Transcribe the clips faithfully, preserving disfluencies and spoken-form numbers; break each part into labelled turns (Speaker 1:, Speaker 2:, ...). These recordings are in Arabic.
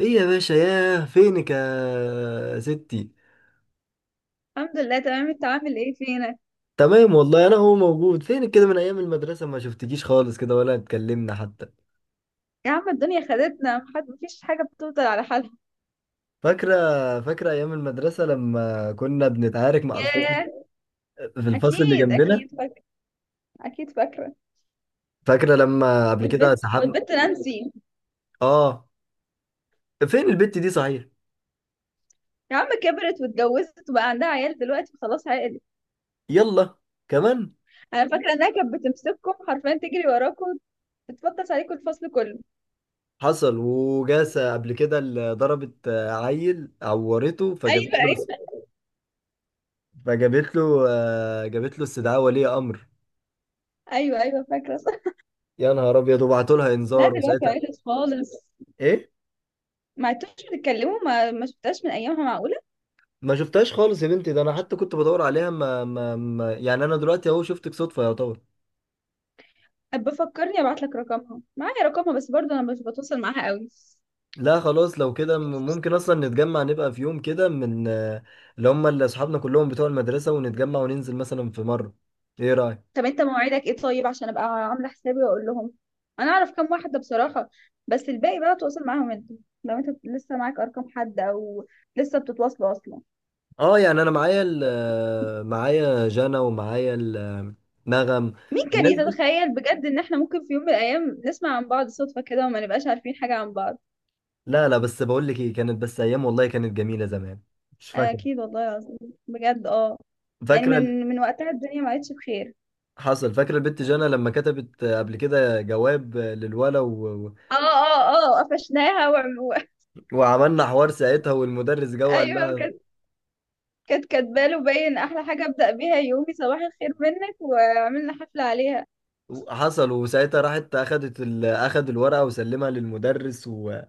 Speaker 1: ايه يا باشا، ياه فينك يا ستي؟
Speaker 2: الحمد لله، تمام. انت عامل ايه؟ فينك؟
Speaker 1: تمام والله، انا هو موجود. فينك كده من ايام المدرسة، ما شفتكيش خالص كده ولا اتكلمنا حتى.
Speaker 2: يا عم، الدنيا خدتنا، محد، مفيش حاجه بتفضل على حالها.
Speaker 1: فاكرة؟ فاكرة ايام المدرسة لما كنا بنتعارك مع الفصل
Speaker 2: ياه.
Speaker 1: في الفصل اللي
Speaker 2: اكيد
Speaker 1: جنبنا؟
Speaker 2: اكيد فاكره. اكيد فاكره.
Speaker 1: فاكرة لما قبل كده
Speaker 2: والبت
Speaker 1: سحبنا؟
Speaker 2: والبت نانسي.
Speaker 1: اه. فين البت دي صحيح؟
Speaker 2: يا عم، كبرت واتجوزت وبقى عندها عيال دلوقتي، خلاص عقلت.
Speaker 1: يلا كمان.
Speaker 2: انا فاكره انها كانت بتمسككم حرفيا تجري وراكم، تتفطس عليكم الفصل كله.
Speaker 1: حصل وجاسة قبل كده، اللي ضربت آه، عيل عورته فجابت
Speaker 2: ايوه،
Speaker 1: له
Speaker 2: ايوه،
Speaker 1: فجابت له آه، جابت له استدعاء ولي امر.
Speaker 2: ايوه، ايوه، فاكره صح.
Speaker 1: يا نهار ابيض! وبعتوا لها
Speaker 2: لا،
Speaker 1: انذار
Speaker 2: دلوقتي
Speaker 1: وساعتها؟
Speaker 2: عقلت خالص.
Speaker 1: ايه؟
Speaker 2: ما عدتوش بتتكلموا؟ ما ما شفتهاش من ايامها؟ معقوله؟
Speaker 1: ما شفتهاش خالص يا بنتي، ده انا حتى كنت بدور عليها. ما, ما, ما يعني انا دلوقتي اهو شفتك صدفة يا طبعا.
Speaker 2: بفكرني ابعت لك رقمها، معايا رقمها، بس برضه انا مش بتواصل معاها قوي.
Speaker 1: لا خلاص، لو كده م- ممكن اصلا نتجمع، نبقى في يوم كده من آه، اللي هم اللي اصحابنا كلهم بتوع المدرسة، ونتجمع وننزل مثلا في مرة. ايه رأيك؟
Speaker 2: طب انت مواعيدك ايه؟ طيب عشان ابقى عامله حسابي واقول لهم. انا اعرف كام واحده بصراحه، بس الباقي بقى تواصل معاهم انت، لو انت لسه معاك ارقام حد، او لسه بتتواصلوا اصلا.
Speaker 1: اه يعني انا معايا ال- آه، معايا جانا ومعايا ال- آه، نغم.
Speaker 2: مين كان
Speaker 1: الناس دي،
Speaker 2: يتخيل بجد ان احنا ممكن في يوم من الايام نسمع عن بعض صدفه كده، وما نبقاش عارفين حاجه عن بعض؟
Speaker 1: لا لا، بس بقول لك ايه، كانت بس ايام والله، كانت جميلة زمان. مش فاكرة؟
Speaker 2: اكيد والله العظيم. بجد، اه. يعني
Speaker 1: فاكرة؟
Speaker 2: من من وقتها الدنيا ما عادش بخير.
Speaker 1: حصل، فاكر البت جانا لما كتبت قبل كده جواب للولا و... و-
Speaker 2: اه، اه، اه، قفشناها وعم... و...
Speaker 1: وعملنا حوار ساعتها والمدرس جه وقال
Speaker 2: ايوه،
Speaker 1: لها.
Speaker 2: كانت كانت كاتباله، باين احلى حاجه ابدا بيها يومي صباح الخير منك، وعملنا حفله عليها.
Speaker 1: حصل وساعتها راحت اخدت ال... اخد الورقه وسلمها للمدرس و...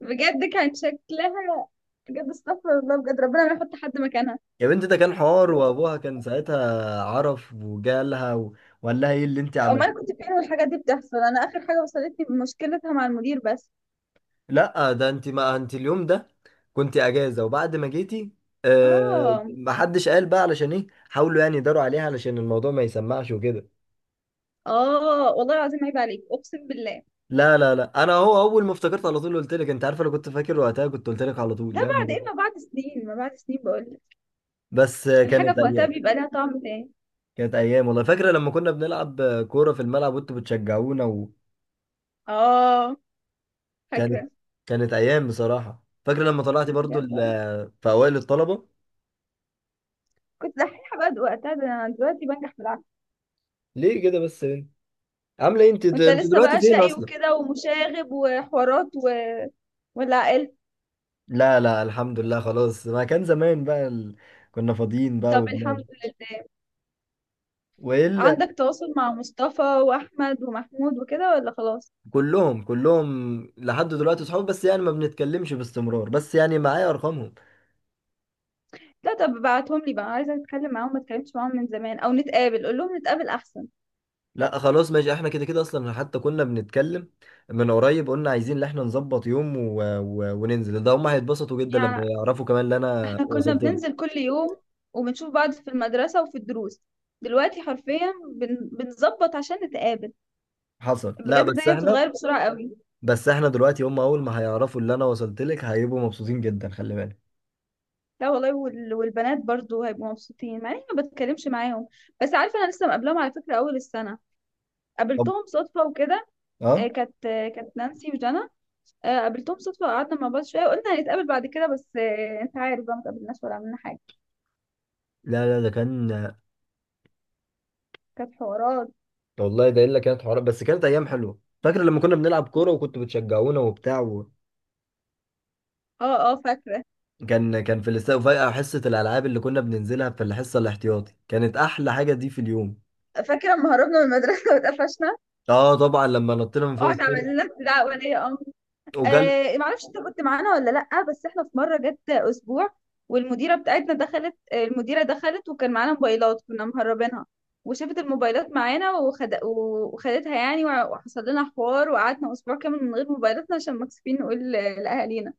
Speaker 2: بجد كان شكلها، بجد استغفر الله، بجد ربنا ما يحط حد مكانها.
Speaker 1: يا بنت، ده كان حوار، وابوها كان ساعتها عرف وجه لها و... وقال لها ايه اللي انت
Speaker 2: امال
Speaker 1: عملت.
Speaker 2: انا كنت فين والحاجات دي بتحصل؟ انا اخر حاجه وصلتني مشكلتها مع المدير بس.
Speaker 1: لا ده انت، ما انت اليوم ده كنت اجازه، وبعد ما جيتي أه...
Speaker 2: اه،
Speaker 1: ما حدش قال، بقى علشان ايه حاولوا يعني يداروا عليها علشان الموضوع ما يسمعش وكده.
Speaker 2: اه، والله العظيم عيب عليك اقسم بالله.
Speaker 1: لا لا لا، انا هو اول ما افتكرت على طول قلت لك، انت عارف انا كنت فاكر وقتها، كنت قلت لك على طول،
Speaker 2: ده
Speaker 1: يا نهار
Speaker 2: بعد ايه؟
Speaker 1: أبيض.
Speaker 2: ما بعد سنين، ما بعد سنين بقول لك.
Speaker 1: بس
Speaker 2: الحاجه
Speaker 1: كانت
Speaker 2: في وقتها
Speaker 1: ايام،
Speaker 2: بيبقى لها طعم تاني.
Speaker 1: كانت ايام والله. فاكره لما كنا بنلعب كوره في الملعب وانتوا بتشجعونا.
Speaker 2: اه،
Speaker 1: وكانت
Speaker 2: فاكره.
Speaker 1: كانت ايام بصراحه، فاكره لما طلعتي برضو ال-
Speaker 2: بجد. آه.
Speaker 1: في اوائل الطلبه.
Speaker 2: كنت دحيحه بقى وقتها، ده انا دلوقتي بنجح بالعافيه.
Speaker 1: ليه كده بس ليه؟ عامله ايه انت؟ د-
Speaker 2: وانت
Speaker 1: انت
Speaker 2: لسه
Speaker 1: دلوقتي
Speaker 2: بقى
Speaker 1: فين
Speaker 2: شقي
Speaker 1: اصلا؟
Speaker 2: وكده ومشاغب وحوارات و... ولا اقل.
Speaker 1: لا لا، الحمد لله خلاص، ما كان زمان بقى ال... كنا فاضيين بقى
Speaker 2: طب الحمد
Speaker 1: وبنعمل.
Speaker 2: لله.
Speaker 1: والا؟
Speaker 2: عندك تواصل مع مصطفى واحمد ومحمود وكده ولا خلاص؟
Speaker 1: كلهم كلهم لحد دلوقتي صحاب، بس يعني ما بنتكلمش باستمرار، بس يعني معايا ارقامهم.
Speaker 2: لا، طب ابعتهم لي بقى، عايزه اتكلم معاهم، ما اتكلمتش معاهم من زمان. او نتقابل، قول لهم نتقابل احسن.
Speaker 1: لا خلاص ماشي، احنا كده كده اصلا حتى كنا بنتكلم من قريب، قلنا عايزين ان احنا نظبط يوم و... و... وننزل. ده هم هيتبسطوا جدا لما
Speaker 2: يعني
Speaker 1: يعرفوا كمان اللي انا
Speaker 2: احنا كنا
Speaker 1: وصلت لك.
Speaker 2: بننزل كل يوم وبنشوف بعض في المدرسه وفي الدروس، دلوقتي حرفيا بن... بنظبط عشان نتقابل.
Speaker 1: حصل. لا
Speaker 2: بجد
Speaker 1: بس
Speaker 2: الدنيا
Speaker 1: احنا
Speaker 2: بتتغير بسرعه قوي.
Speaker 1: بس احنا دلوقتي هم اول ما هيعرفوا اللي انا وصلت لك هيبقوا مبسوطين جدا، خلي بالك.
Speaker 2: لا والله، وال... والبنات برضو هيبقوا مبسوطين مع اني ما بتكلمش معاهم، بس عارفه انا لسه مقابلاهم على فكره اول السنه،
Speaker 1: طب.
Speaker 2: قابلتهم صدفه وكده. آه،
Speaker 1: اه.
Speaker 2: كانت آه، كانت نانسي وجنى. آه، قابلتهم صدفة، قعدنا مع بعض شوية وقلنا هنتقابل بعد كده. بس آه، انت عارف بقى، ما اتقابلناش ولا عملنا حاجة.
Speaker 1: لا لا ده كان،
Speaker 2: كانت حوارات.
Speaker 1: والله ده الا كانت حوارات، بس كانت ايام حلوه، فاكر لما كنا بنلعب كوره وكنتوا بتشجعونا وبتاع و...
Speaker 2: اه، اه، فاكرة.
Speaker 1: كان كان في الاستاد، وفجأة حصة الألعاب اللي كنا بننزلها في الحصة الاحتياطي كانت أحلى حاجة دي في اليوم.
Speaker 2: فاكرة لما هربنا من المدرسة واتقفشنا،
Speaker 1: اه طبعا لما نطينا من فوق
Speaker 2: وقعد
Speaker 1: السور
Speaker 2: عمل لنا استدعاء ولي امر.
Speaker 1: وجال.
Speaker 2: آه معرفش انت كنت معانا ولا لأ، بس احنا في مرة جت اسبوع والمديرة بتاعتنا دخلت. آه، المديرة دخلت وكان معانا موبايلات كنا مهربينها، وشافت الموبايلات معانا، وخد... وخدتها يعني، وحصل لنا حوار وقعدنا اسبوع كامل من غير موبايلاتنا عشان مكسوفين نقول لاهالينا.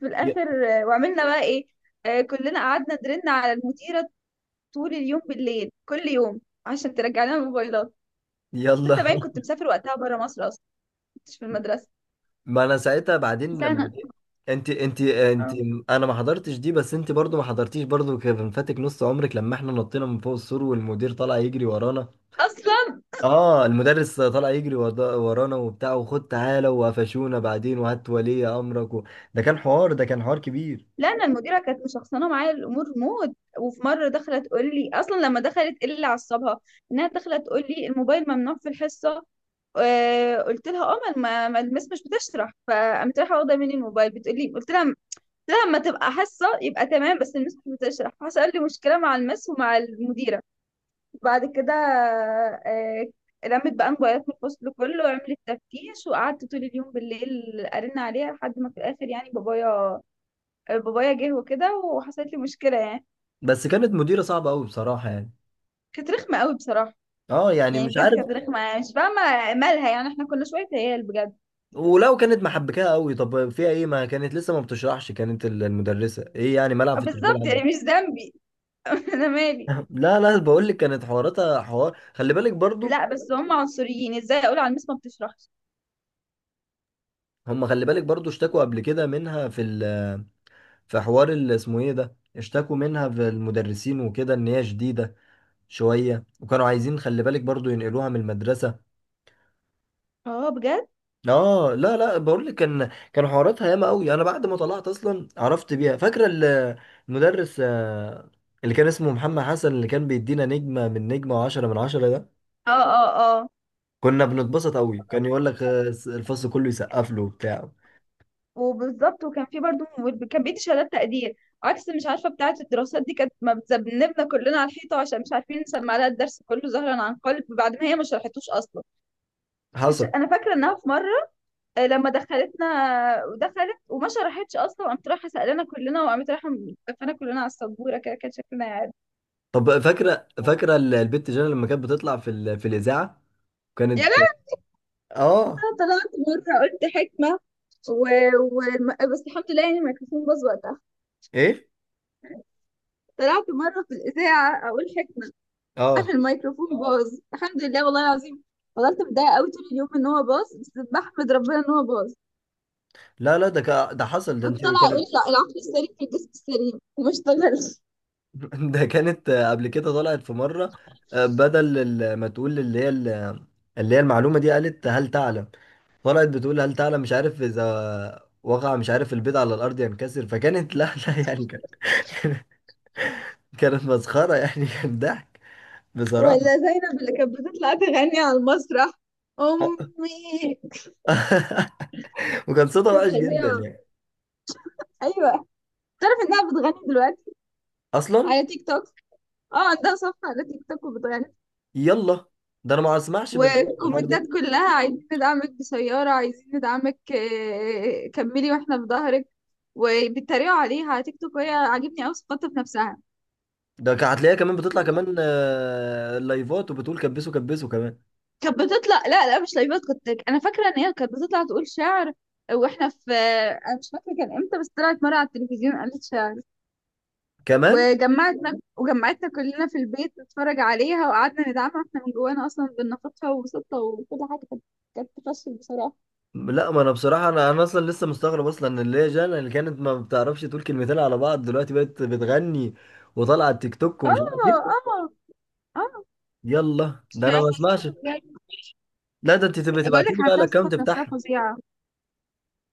Speaker 2: في
Speaker 1: ي-
Speaker 2: الاخر آه، وعملنا بقى ايه؟ آه، كلنا قعدنا درنا على المديره طول اليوم بالليل كل يوم عشان ترجع لنا الموبايلات. بس
Speaker 1: يلا.
Speaker 2: انت باين كنت مسافر وقتها بره مصر اصلا، كنتش في المدرسه.
Speaker 1: ما انا ساعتها بعدين
Speaker 2: بس
Speaker 1: لما
Speaker 2: انا
Speaker 1: جه. انت انت انت انا ما حضرتش دي، بس انت برضو ما حضرتيش برضو، كان فاتك نص عمرك لما احنا نطينا من فوق السور والمدير طلع يجري ورانا.
Speaker 2: اصلا.
Speaker 1: اه المدرس طلع يجري ورا- ورانا وبتاع، وخد تعالى، وقفشونا بعدين، وهات ولي امرك و... ده كان حوار ده كان حوار كبير.
Speaker 2: لا، انا المديره كانت مشخصنه معايا الامور موت، وفي مره دخلت تقول لي، اصلا لما دخلت إيه اللي عصبها، انها دخلت تقول لي الموبايل ممنوع في الحصه. آه، قلت لها اه، ما ما- ما المس مش بتشرح، فقامت رايحه واخده مني الموبايل، بتقول لي، قلت لها لما تبقى حصة يبقى تمام، بس المس مش بتشرح. حصل لي مشكلة مع المس ومع المديرة بعد كده. آه، لمت بقى موبايلات من الفصل كله وعملت تفتيش وقعدت طول اليوم بالليل ارن عليها، لحد ما في الاخر يعني بابايا، آه، بابايا جه وكده وحصلت لي مشكلة يعني.
Speaker 1: بس كانت مديرة صعبة قوي بصراحة يعني.
Speaker 2: كانت رخمة قوي بصراحة
Speaker 1: اه يعني
Speaker 2: يعني،
Speaker 1: مش
Speaker 2: بجد
Speaker 1: عارف.
Speaker 2: كانت رخمة، يعني مش فاهمة مالها، يعني احنا كنا شوية عيال بجد.
Speaker 1: ولو كانت محبكاه قوي، طب فيها ايه؟ ما كانت لسه ما بتشرحش، كانت ال- المدرسه ايه يعني؟ ملعب
Speaker 2: آه،
Speaker 1: في التليفون
Speaker 2: بالظبط يعني
Speaker 1: عندي.
Speaker 2: مش ذنبي. انا مالي.
Speaker 1: لا لا، بقول لك كانت حواراتها حوار، خلي بالك برضو.
Speaker 2: لا بس هم عنصريين ازاي، اقول على المس ما بتشرحش.
Speaker 1: هم خلي بالك برضو اشتكوا قبل كده منها في ال... في حوار اللي اسمه ايه ده، اشتكوا منها في المدرسين وكده، ان هي شديده شويه، وكانوا عايزين خلي بالك برضو ينقلوها من المدرسه.
Speaker 2: اه بجد.
Speaker 1: اه. لا لا، بقول لك كان كان حواراتها ياما قوي، انا بعد ما طلعت اصلا عرفت بيها. فاكره ال- المدرس آه، اللي كان اسمه محمد حسن، اللي كان بيدينا نجمه من نجمه وعشرة من عشرة ده،
Speaker 2: اه، اه،
Speaker 1: كنا بنتبسط قوي، كان يقول لك آه، الفصل كله يسقف له وبتاع.
Speaker 2: وبالظبط. وكان في برضه ممول- كان بيدي شهادات تقدير، عكس مش عارفه بتاعه الدراسات دي، كانت ما بتذنبنا كلنا على الحيطه عشان مش عارفين نسمع لها الدرس كله ظهرا عن قلب بعد ما هي ما شرحتوش اصلا. كنتش
Speaker 1: حصل.
Speaker 2: انا فاكره انها في مره، آه، لما دخلتنا، ودخلت وما شرحتش اصلا، وقامت رايحه سالنا كلنا، وقامت رايحه مدفنا كلنا على السبوره، كده كان شكلنا يعني.
Speaker 1: طب فاكره؟ فاكره ال- البت جانا لما كانت بتطلع في ال- في الاذاعه.
Speaker 2: يا
Speaker 1: كانت.
Speaker 2: لا.
Speaker 1: اه.
Speaker 2: انا طلعت مره قلت حكمه و... و... بس الحمد لله يعني الميكروفون باظ وقتها.
Speaker 1: ايه.
Speaker 2: طلعت مره في الاذاعه اقول حكمه، انا
Speaker 1: اه.
Speaker 2: الميكروفون باظ الحمد لله والله العظيم. فضلت متضايقه قوي طول اليوم ان هو باظ، بس بحمد ربنا ان هو باظ.
Speaker 1: لا لا ده كا- ده حصل، ده
Speaker 2: كنت
Speaker 1: انت
Speaker 2: طالعه اقول،
Speaker 1: كانت.
Speaker 2: لا، العقل السليم في الجسم السليم، وما اشتغلش.
Speaker 1: ده كانت آه، قبل كده طلعت في مرة، آه، بدل ال- ما تقول اللي هي ال- اللي هي المعلومة دي، قالت هل تعلم. طلعت بتقول هل تعلم مش عارف إذا وقع مش عارف البيض على الأرض ينكسر، فكانت لا لا يعني كان- كانت مسخرة يعني، كان ضحك
Speaker 2: ولا
Speaker 1: بصراحة.
Speaker 2: زينب اللي كانت بتطلع تغني على المسرح، امي
Speaker 1: وكان صوتها
Speaker 2: كانت
Speaker 1: وحش جدا
Speaker 2: فظيعه.
Speaker 1: يعني.
Speaker 2: ايوه، تعرف انها بتغني دلوقتي
Speaker 1: أصلا.
Speaker 2: على تيك توك؟ اه، عندها صفحه على تيك توك وبتغني،
Speaker 1: يلا. ده أنا ما أسمعش بال- بالحوار ده.
Speaker 2: والكومنتات كلها عايزين ندعمك بسيارة، عايزين ندعمك، آه، كملي واحنا في ظهرك. وبيتريقوا عليها على تيك توك، وهي عاجبني قوي ثقتها في نفسها.
Speaker 1: ده كان- هتلاقيها كمان بتطلع كمان آه، لايفات، وبتقول كبسوا كبسوا كمان
Speaker 2: كانت بتطلع، لا لا مش لايفات. كنت انا فاكره ان هي كانت بتطلع تقول شعر واحنا في. انا مش فاكره كان امتى، بس طلعت مره على التلفزيون قالت شعر،
Speaker 1: كمان.
Speaker 2: وجمعتنا وجمعتنا كلنا في البيت نتفرج عليها، وقعدنا ندعمها واحنا من جوانا اصلا بنناقشها وبسطها، وكل حاجه كانت، كانت تفشل بصراحه.
Speaker 1: لا ما انا بصراحه، انا انا اصلا لسه مستغرب اصلا، ان اللي هي جانا، اللي كانت ما بتعرفش تقول كلمتين على بعض، دلوقتي بقت بتغني وطالعه على التيك توك
Speaker 2: اه،
Speaker 1: ومش عارف ايه.
Speaker 2: اه، اه،
Speaker 1: يلا ده انا ما اسمعش. لا ده انت تبقي
Speaker 2: بقول
Speaker 1: تبعتي
Speaker 2: لك
Speaker 1: لي بقى
Speaker 2: عندها ثقة
Speaker 1: الاكونت
Speaker 2: في نفسها
Speaker 1: بتاعها.
Speaker 2: فظيعة.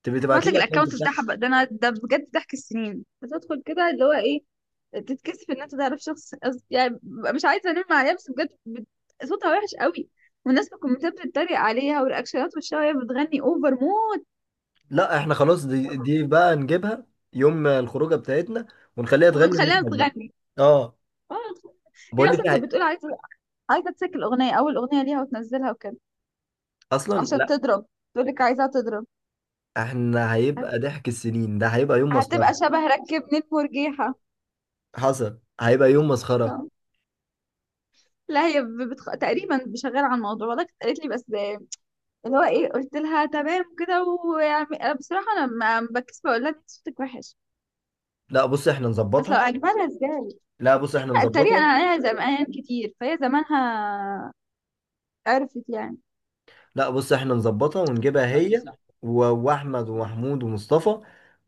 Speaker 1: تبقي
Speaker 2: هبعت
Speaker 1: تبعتي لي
Speaker 2: لك
Speaker 1: الاكونت
Speaker 2: الاكونت
Speaker 1: بتاعها.
Speaker 2: بتاعها بقى، ده انا ده بجد ضحك السنين بتدخل كده اللي هو ايه، تتكسف ان انت تعرف شخص أص- يعني ببقى مش عايزة انام عليها، بس بجد بت- صوتها وحش قوي. والناس في الكومنتات بتتريق عليها، والرياكشنات وشها وهي بتغني اوفر مود.
Speaker 1: لا احنا خلاص، دي, دي بقى نجيبها يوم الخروجه بتاعتنا، ونخليها تغني
Speaker 2: ومنخليها
Speaker 1: ونضحك بقى.
Speaker 2: تغني.
Speaker 1: اه.
Speaker 2: آه، هي
Speaker 1: بقول لك
Speaker 2: اصلا
Speaker 1: إيه،
Speaker 2: كانت
Speaker 1: هي-
Speaker 2: بتقول عايزة عايزة تسجل اغنية، اول اغنية ليها وتنزلها وكده
Speaker 1: اصلا
Speaker 2: عشان
Speaker 1: لا.
Speaker 2: تضرب، تقول لك عايزاها تضرب.
Speaker 1: احنا هيبقى ضحك السنين، ده هيبقى يوم
Speaker 2: هتبقى
Speaker 1: مسخره.
Speaker 2: شبه ركبني في مرجيحة.
Speaker 1: حصل هيبقى يوم مسخره.
Speaker 2: آه. لا، هي ب- بتخ... تقريبا شغاله على الموضوع والله، كانت قالت لي بس اللي هو ايه، قلت لها تمام كده، ويعني أنا بصراحه انا ما ما بكسف اقول لها أنت صوتك وحش،
Speaker 1: لا بص احنا
Speaker 2: اصل لو
Speaker 1: نظبطها
Speaker 2: عجبانها ازاي.
Speaker 1: لا بص احنا
Speaker 2: لا، الطريقه انا
Speaker 1: نظبطها
Speaker 2: عليها زمان كتير، فهي زمانها عرفت يعني.
Speaker 1: لا بص احنا نظبطها ونجيبها هي و- واحمد ومحمود ومصطفى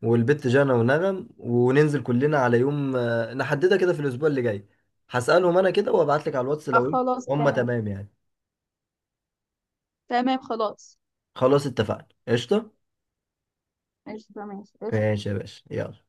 Speaker 1: والبت جانا ونغم، وننزل كلنا على يوم آه، نحددها كده في الاسبوع اللي جاي. هسألهم انا كده وابعت لك على الواتس
Speaker 2: اه،
Speaker 1: لو ايه.
Speaker 2: خلاص
Speaker 1: هم
Speaker 2: تمام.
Speaker 1: تمام يعني.
Speaker 2: تمام خلاص.
Speaker 1: خلاص اتفقنا، قشطة.
Speaker 2: ماشي تمام.
Speaker 1: ماشي يا باشا، يلا.